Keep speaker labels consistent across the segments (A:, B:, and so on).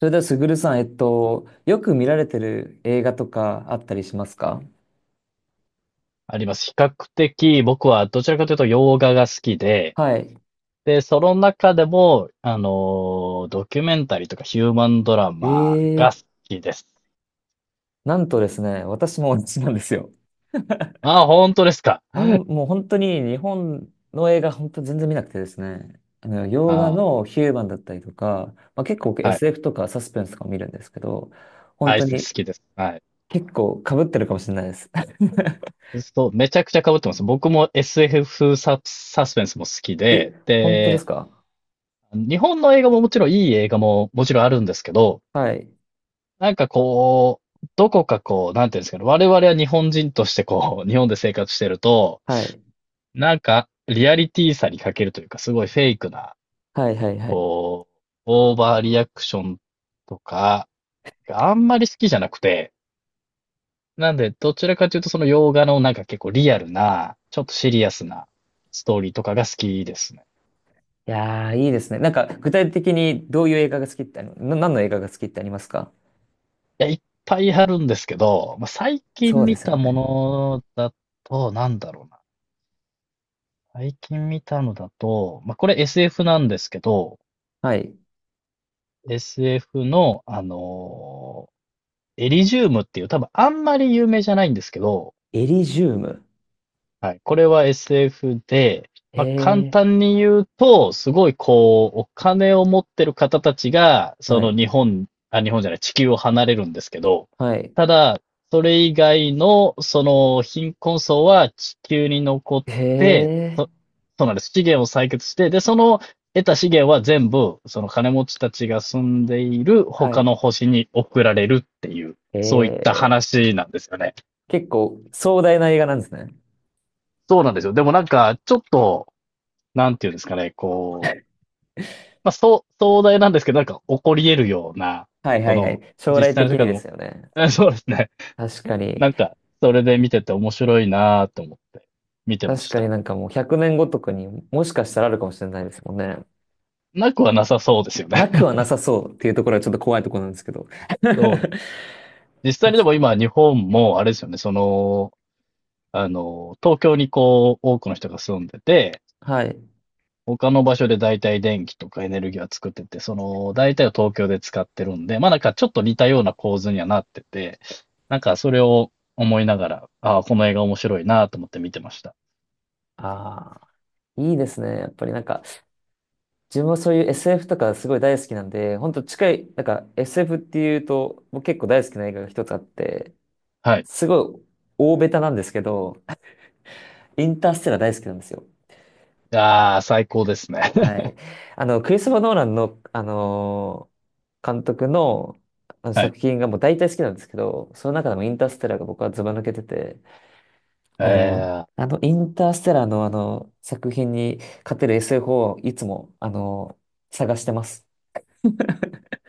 A: それでは、すぐるさん、よく見られてる映画とかあったりしますか？
B: あります。比較的僕はどちらかというと洋画が好きで、
A: はい。
B: その中でも、ドキュメンタリーとかヒューマンドラマが
A: え
B: 好
A: え、
B: きです。
A: なんとですね、私も同じなんですよ。
B: ああ、本当ですか。
A: もう本当に日本の映画、本当全然見なくてですね、洋
B: あ
A: 画のヒューマンだったりとか、まあ、結構僕
B: あ、はい。
A: SF とかサスペンスとか見るんですけど、本
B: アイ
A: 当
B: ス好
A: に
B: きです。はい。
A: 結構被ってるかもしれないです。
B: そう、めちゃくちゃ被ってます。僕も SF サスペンスも好き
A: え、
B: で、
A: 本当ですか？
B: 日本の映画ももちろんいい映画ももちろんあるんですけど、
A: はい。
B: なんかこう、どこかこう、なんていうんですかね、我々は日本人としてこう、日本で生活してると、
A: はい。
B: なんか、リアリティさに欠けるというか、すごいフェイクな、
A: はい、はい、はい。
B: こう、オーバーリアクションとか、があんまり好きじゃなくて、なんで、どちらかというと、その洋画のなんか結構リアルな、ちょっとシリアスなストーリーとかが好きですね。
A: いやー、いいですね。なんか、具体的にどういう映画が好きってあり、な、何の映画が好きってありますか？
B: いや、いっぱいあるんですけど、まあ、最近
A: そうで
B: 見
A: すよ
B: たも
A: ね。
B: のだと、なんだろうな。最近見たのだと、まあ、これ SF なんですけど、
A: はい。
B: SF の、あのエリジウムっていう、多分あんまり有名じゃないんですけど、
A: エリジウム。
B: はい。これは SF で、
A: へ
B: まあ、簡
A: え。
B: 単に言うと、すごいこう、お金を持ってる方たちが、そ
A: は
B: の
A: い。
B: 日本、あ、日本じゃない、地球を離れるんですけど、
A: はい。
B: ただ、それ以外の、その貧困層は地球に残っ
A: へ
B: て、
A: え。
B: そうなんです。資源を採掘して、で、その得た資源は全部、その金持ちたちが住んでいる
A: は
B: 他
A: い。
B: の星に送られるっていう、
A: へ
B: そういった
A: え。
B: 話なんですよね。
A: 結構壮大な映画なんですね。
B: そうなんですよ。でもなんか、ちょっと、なんていうんですかね、こう、まあ、そう、壮大なんですけど、なんか起こり得るような、
A: はいは
B: こ
A: いは
B: の、
A: い。将来
B: 実際
A: 的
B: の世
A: に
B: 界で
A: で
B: も、
A: すよね。
B: そうですね。
A: 確かに。
B: なんか、それで見てて面白いなぁと思って見てま
A: 確
B: し
A: かに
B: た。
A: なんかもう100年後とかにもしかしたらあるかもしれないですもんね。
B: なくはなさそうですよ
A: な
B: ね。
A: くはな さそうっていうところはちょっと怖いところなんですけど。
B: そうです。実
A: 確
B: 際にで
A: か
B: も今、日本も、あれですよね、その、東京にこう、多くの人が住んでて、
A: はい。
B: 他の場所で大体電気とかエネルギーは作ってて、その大体を東京で使ってるんで、まあなんかちょっと似たような構図にはなってて、なんかそれを思いながら、ああ、この映画面白いなと思って見てました。
A: ああ、いいですね。やっぱりなんか、自分はそういう SF とかすごい大好きなんで、本当近い、なんか SF っていうと、僕結構大好きな映画が一つあって、
B: はい。
A: すごい大ベタなんですけど、インターステラー大好きなんですよ。
B: ああ、最高ですね。
A: は い。クリストファー・ノーランの、監督の、あの
B: はい。
A: 作品がもう大体好きなんですけど、その中でもインターステラーが僕はズバ抜けてて、あの、
B: ええ
A: あのインターステラーのあの作品に勝てる SF をいつも、探してます。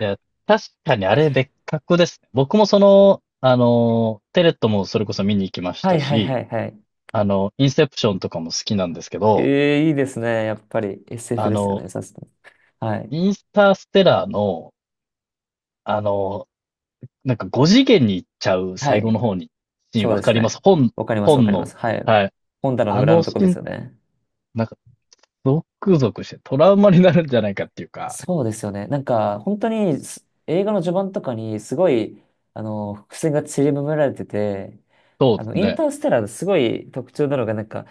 B: いや、確かにあれ別格ですね。僕もその、テレットもそれこそ見に行きまし
A: は
B: た
A: いはい
B: し、
A: はいはい。
B: あの、インセプションとかも好きなんですけど、
A: ええ、いいですね。やっぱり SF
B: あ
A: ですよ
B: の、
A: ね。さすが。はい。
B: インスターステラーの、あの、なんか5次元に行っちゃう
A: は
B: 最後の
A: い。
B: 方に、シーン
A: そう
B: わ
A: で
B: か
A: す
B: りま
A: ね。
B: す
A: わかります、わか
B: 本
A: りま
B: の、
A: す。はい。
B: はい。
A: 本棚の
B: あ
A: 裏
B: の
A: のと
B: シ
A: こで
B: ー
A: す
B: ン、
A: よね。
B: なんか、ゾクゾクしてトラウマになるんじゃないかっていうか、
A: そうですよね。なんか、本当にす映画の序盤とかにすごい、伏線が散りばめられてて、
B: そうです
A: イン
B: ね。
A: ターステラーのすごい特徴なのが、なんか、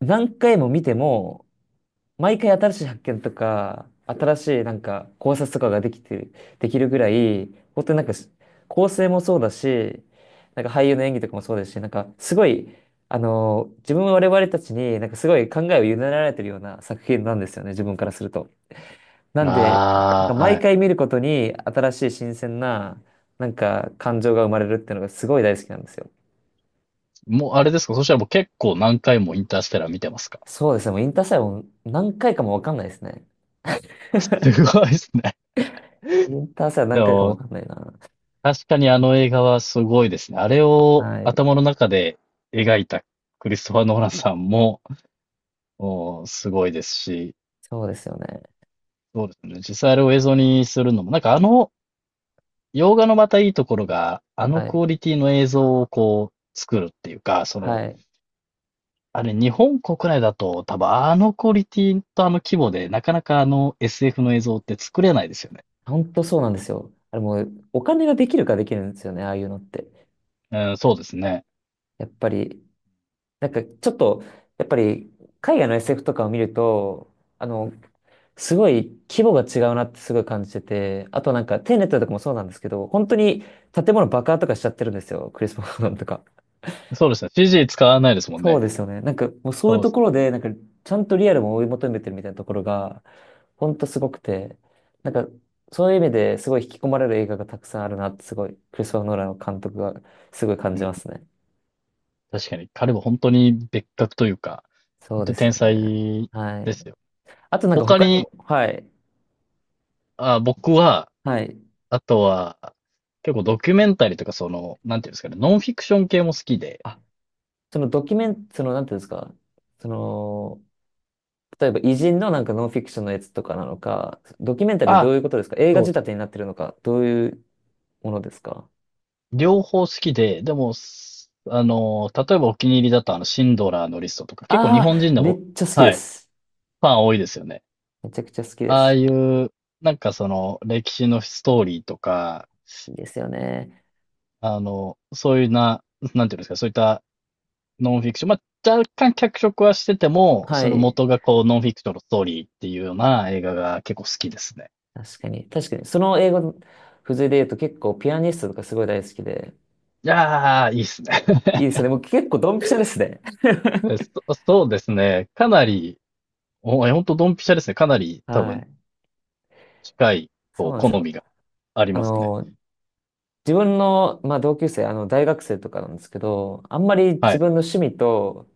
A: 何回も見ても、毎回新しい発見とか、新しいなんか考察とかができて、できるぐらい、本当になんかし構成もそうだし、なんか俳優の演技とかもそうですし、なんかすごい、自分我々たちになんかすごい考えを委ねられてるような作品なんですよね、自分からすると。なんで、なん
B: あ
A: か
B: あ、は
A: 毎
B: い。
A: 回見ることに新しい新鮮な、なんか感情が生まれるっていうのがすごい大好きなんですよ。
B: もうあれですかそしたらもう結構何回もインターステラー見てますか？
A: そうですね、もうインターサイはもう何回かもわかんないですね。
B: あ、すごいですね。
A: インターサイは
B: で
A: 何回かもわ
B: も、
A: かんないな。
B: 確かにあの映画はすごいですね。あれを
A: はい。
B: 頭の中で描いたクリストファー・ノーランさんも、もうすごいですし、
A: そうですよね。
B: そうですね。実際あれを映像にするのも、なんかあの洋画のまたいいところが、あの
A: は
B: クオ
A: い。
B: リティの映像をこう作るっていうか、その、
A: はい。
B: あれ日本国内だと多分あのクオリティとあの規模でなかなかあの SF の映像って作れないですよね。
A: 本当そうなんですよ。あれもう、お金ができるかできるんですよね、ああいうのって。
B: うん、そうですね。
A: やっぱり、なんかちょっと、やっぱり、海外の SF とかを見ると、あの、すごい規模が違うなってすごい感じてて、あとなんか、テネットとかもそうなんですけど、本当に建物爆破とかしちゃってるんですよ、クリス・マノンとか。
B: そうですね。CG 使わないですもん
A: そう
B: ね。
A: ですよね。なんか、もうそういう
B: そうで
A: と
B: す。
A: ころで、なんか、ちゃんとリアルを追い求めてるみたいなところが、ほんとすごくて、なんか、そういう意味ですごい引き込まれる映画がたくさんあるなって、すごい、クリストファー・ノーランの監督がすごい感
B: う
A: じ
B: ん、
A: ますね。
B: 確かに彼は本当に別格というか、
A: そ
B: 本
A: うで
B: 当
A: す
B: 天
A: よね。
B: 才
A: は
B: です
A: い。
B: よ。
A: あとなんか
B: 他
A: 他に
B: に、
A: も、はい。
B: あ、僕は、
A: はい。
B: あとは、結構ドキュメンタリーとかその、なんていうんですかね、ノンフィクション系も好きで、
A: あ、そのドキュメン、その、なんていうんですか、その、例えば偉人のなんかノンフィクションのやつとかなのか、ドキュメンタリー
B: あ、
A: どういうことですか？映画
B: そ
A: 仕
B: うです。
A: 立てになってるのか、どういうものですか？
B: 両方好きで、でも、すあの、例えばお気に入りだとあの、シンドラーのリストとか、結構日
A: あ
B: 本
A: あ、
B: 人で
A: め
B: も、
A: っちゃ好きで
B: はい、
A: す。
B: ファン多いですよね。
A: めちゃくちゃ好きで
B: ああ
A: す。
B: いう、なんかその、歴史のストーリーとか、
A: いいですよね。
B: あの、そういうな、なんていうんですか、そういったノンフィクション、まあ、若干脚色はしてても、
A: は
B: その
A: い。
B: 元がこう、ノンフィクションのストーリーっていうような映画が結構好きですね。
A: 確かに。確かに。その英語の付随で言うと結構ピアニストとかすごい大好きで。
B: いやー、いいっすね。
A: いいですね。もう結構ドンピシャですね。
B: そうですね。かなり、お、え、ほんとドンピシャですね。かなり 多
A: は
B: 分
A: い。
B: 近い、
A: そ
B: こ
A: う
B: う、
A: なんで
B: 好
A: すよ。
B: みがあり
A: あ
B: ますね。
A: の、自分の、まあ、同級生、大学生とかなんですけど、あんまり
B: は
A: 自
B: い。
A: 分の趣味と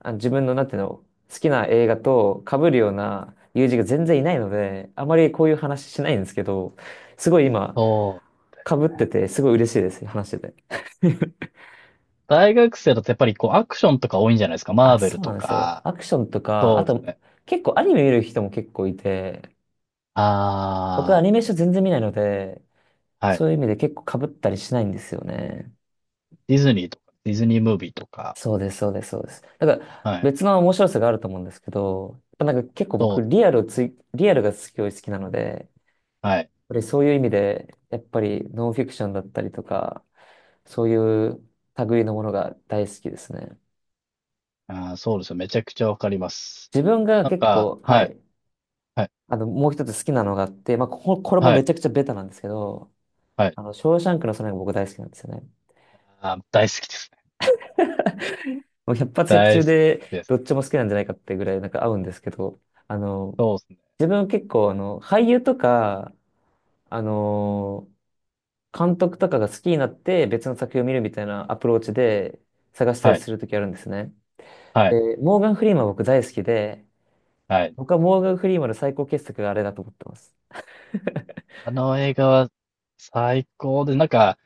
A: 自分の、なんていうの、好きな映画と被るような友人が全然いないので、あまりこういう話しないんですけど、すごい今、
B: そう。
A: 被ってて、すごい嬉しいです、話してて。
B: 大学生だとやっぱりこう、アクションとか多いんじゃないですか。マ
A: あ、
B: ーベ
A: そ
B: ル
A: うな
B: と
A: んですよ。
B: か、
A: アクションとか、
B: そ
A: あ
B: うです
A: と、
B: ね。
A: 結構アニメ見る人も結構いて、僕はア
B: あ
A: ニメーション全然見ないので、
B: あ、はい。
A: そういう意味で結構被ったりしないんですよね。
B: ディズニーとか、ディズニームービーとか、
A: そうです、そうです、そうです。だから
B: はい。
A: 別の面白さがあると思うんですけど、やっぱなんか結構
B: そう
A: 僕
B: ですね。
A: リアルがすごい好きなので、
B: はい。
A: そういう意味で、やっぱりノンフィクションだったりとか、そういう類のものが大好きですね。
B: ああ、そうですよ。めちゃくちゃわかります。
A: 自分が
B: なん
A: 結
B: か、
A: 構、は
B: はい、
A: い、
B: はい、
A: もう一つ好きなのがあって、まあ、これも
B: は
A: め
B: い、
A: ちゃくちゃベタなんですけど、
B: はい。
A: ショーシャンクの空が僕大好きなんですよね。
B: ああ、大好きですね。
A: もう百発百
B: 大
A: 中
B: 好き
A: で
B: です
A: どっ
B: ね。
A: ちも好きなんじゃないかってぐらいなんか合うんですけど、あの、
B: そうですね。
A: 自分結構俳優とか、あの、監督とかが好きになって別の作品を見るみたいなアプローチで探したり
B: はい、
A: するときあるんですね。
B: はい、
A: で、モーガン・フリーマン僕大好きで、
B: はい。
A: 僕はモーガン・フリーマンの最高傑作があれだと思ってます。
B: あの映画は最高で、なんか、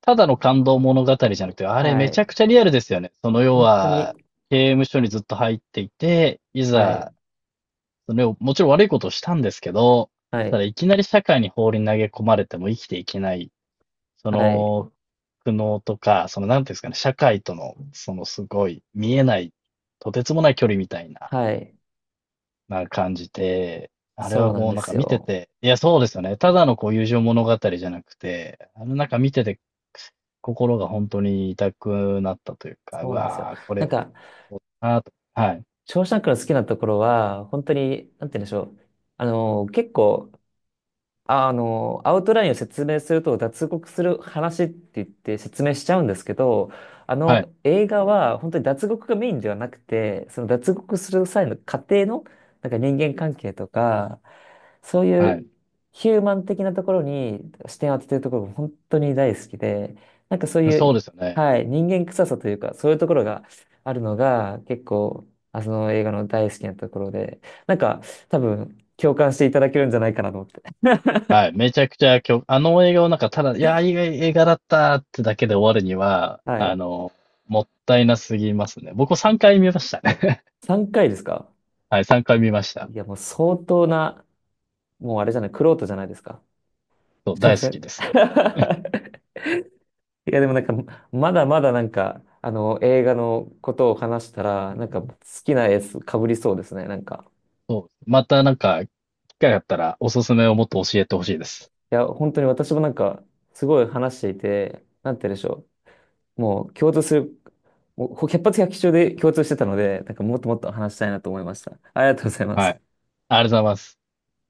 B: ただの感動物語じゃなくて、あれ
A: は
B: めち
A: い。
B: ゃくちゃリアルですよね。その要
A: 本当に、
B: は、刑務所にずっと入っていて、い
A: はい、
B: ざ、それをもちろん悪いことをしたんですけど、
A: は
B: ただ
A: い、
B: いきなり社会に放り投げ込まれても生きていけない、そ
A: はい、
B: の苦悩とか、そのなんていうんですかね、社会との、そのすごい見えない、とてつもない距離みたいな
A: はい。
B: な感じて、あれ
A: そう
B: は
A: なん
B: もう
A: で
B: なんか
A: す
B: 見て
A: よ。
B: て、いや、そうですよね。ただのこう友情物語じゃなくて、なんか見てて、心が本当に痛くなったというか、う
A: そうなんですよ。
B: わー、こ
A: な
B: れ
A: ん
B: は
A: か、
B: そうだなと。はい、
A: ショーシャンクの好きなところは、本当に、なんて言うんでしょう。結構、アウトラインを説明すると脱獄する話って言って説明しちゃうんですけど、あ
B: はい、
A: の映画は本当に脱獄がメインではなくて、その脱獄する際の過程のなんか人間関係とか、そうい
B: は
A: う
B: い。
A: ヒューマン的なところに視点を当ててるところが本当に大好きで、なんかそうい
B: そう
A: う、
B: ですよね。
A: はい、人間臭さというか、そういうところがあるのが結構、その映画の大好きなところで、なんか多分共感していただけるんじゃないかなと思って。
B: はい。めちゃくちゃ今日、あの映画をなんかただ、いやー、いい映画だったってだけで終わるには、
A: はい。
B: もったいなすぎますね。僕3回見ましたね。
A: 3回ですか？
B: はい、3回見ました。
A: いや、もう相当な、もうあれじゃない、玄人じゃないですか？
B: そう、
A: ちょっ
B: 大
A: と
B: 好
A: 待っ
B: きです。
A: て いや、でもなんか、まだまだなんか、映画のことを話したら、なんか好きなやつかぶりそうですね、なんか。
B: そう。またなんか、機会があったらおすすめをもっと教えてほしいです。
A: いや、本当に私もなんか、すごい話していて、なんて言うんでしょう。もう共通する、もう百発百中で共通してたので、なんかもっともっと話したいなと思いました。ありがとうございま
B: は
A: す。
B: い。ありがとうございます。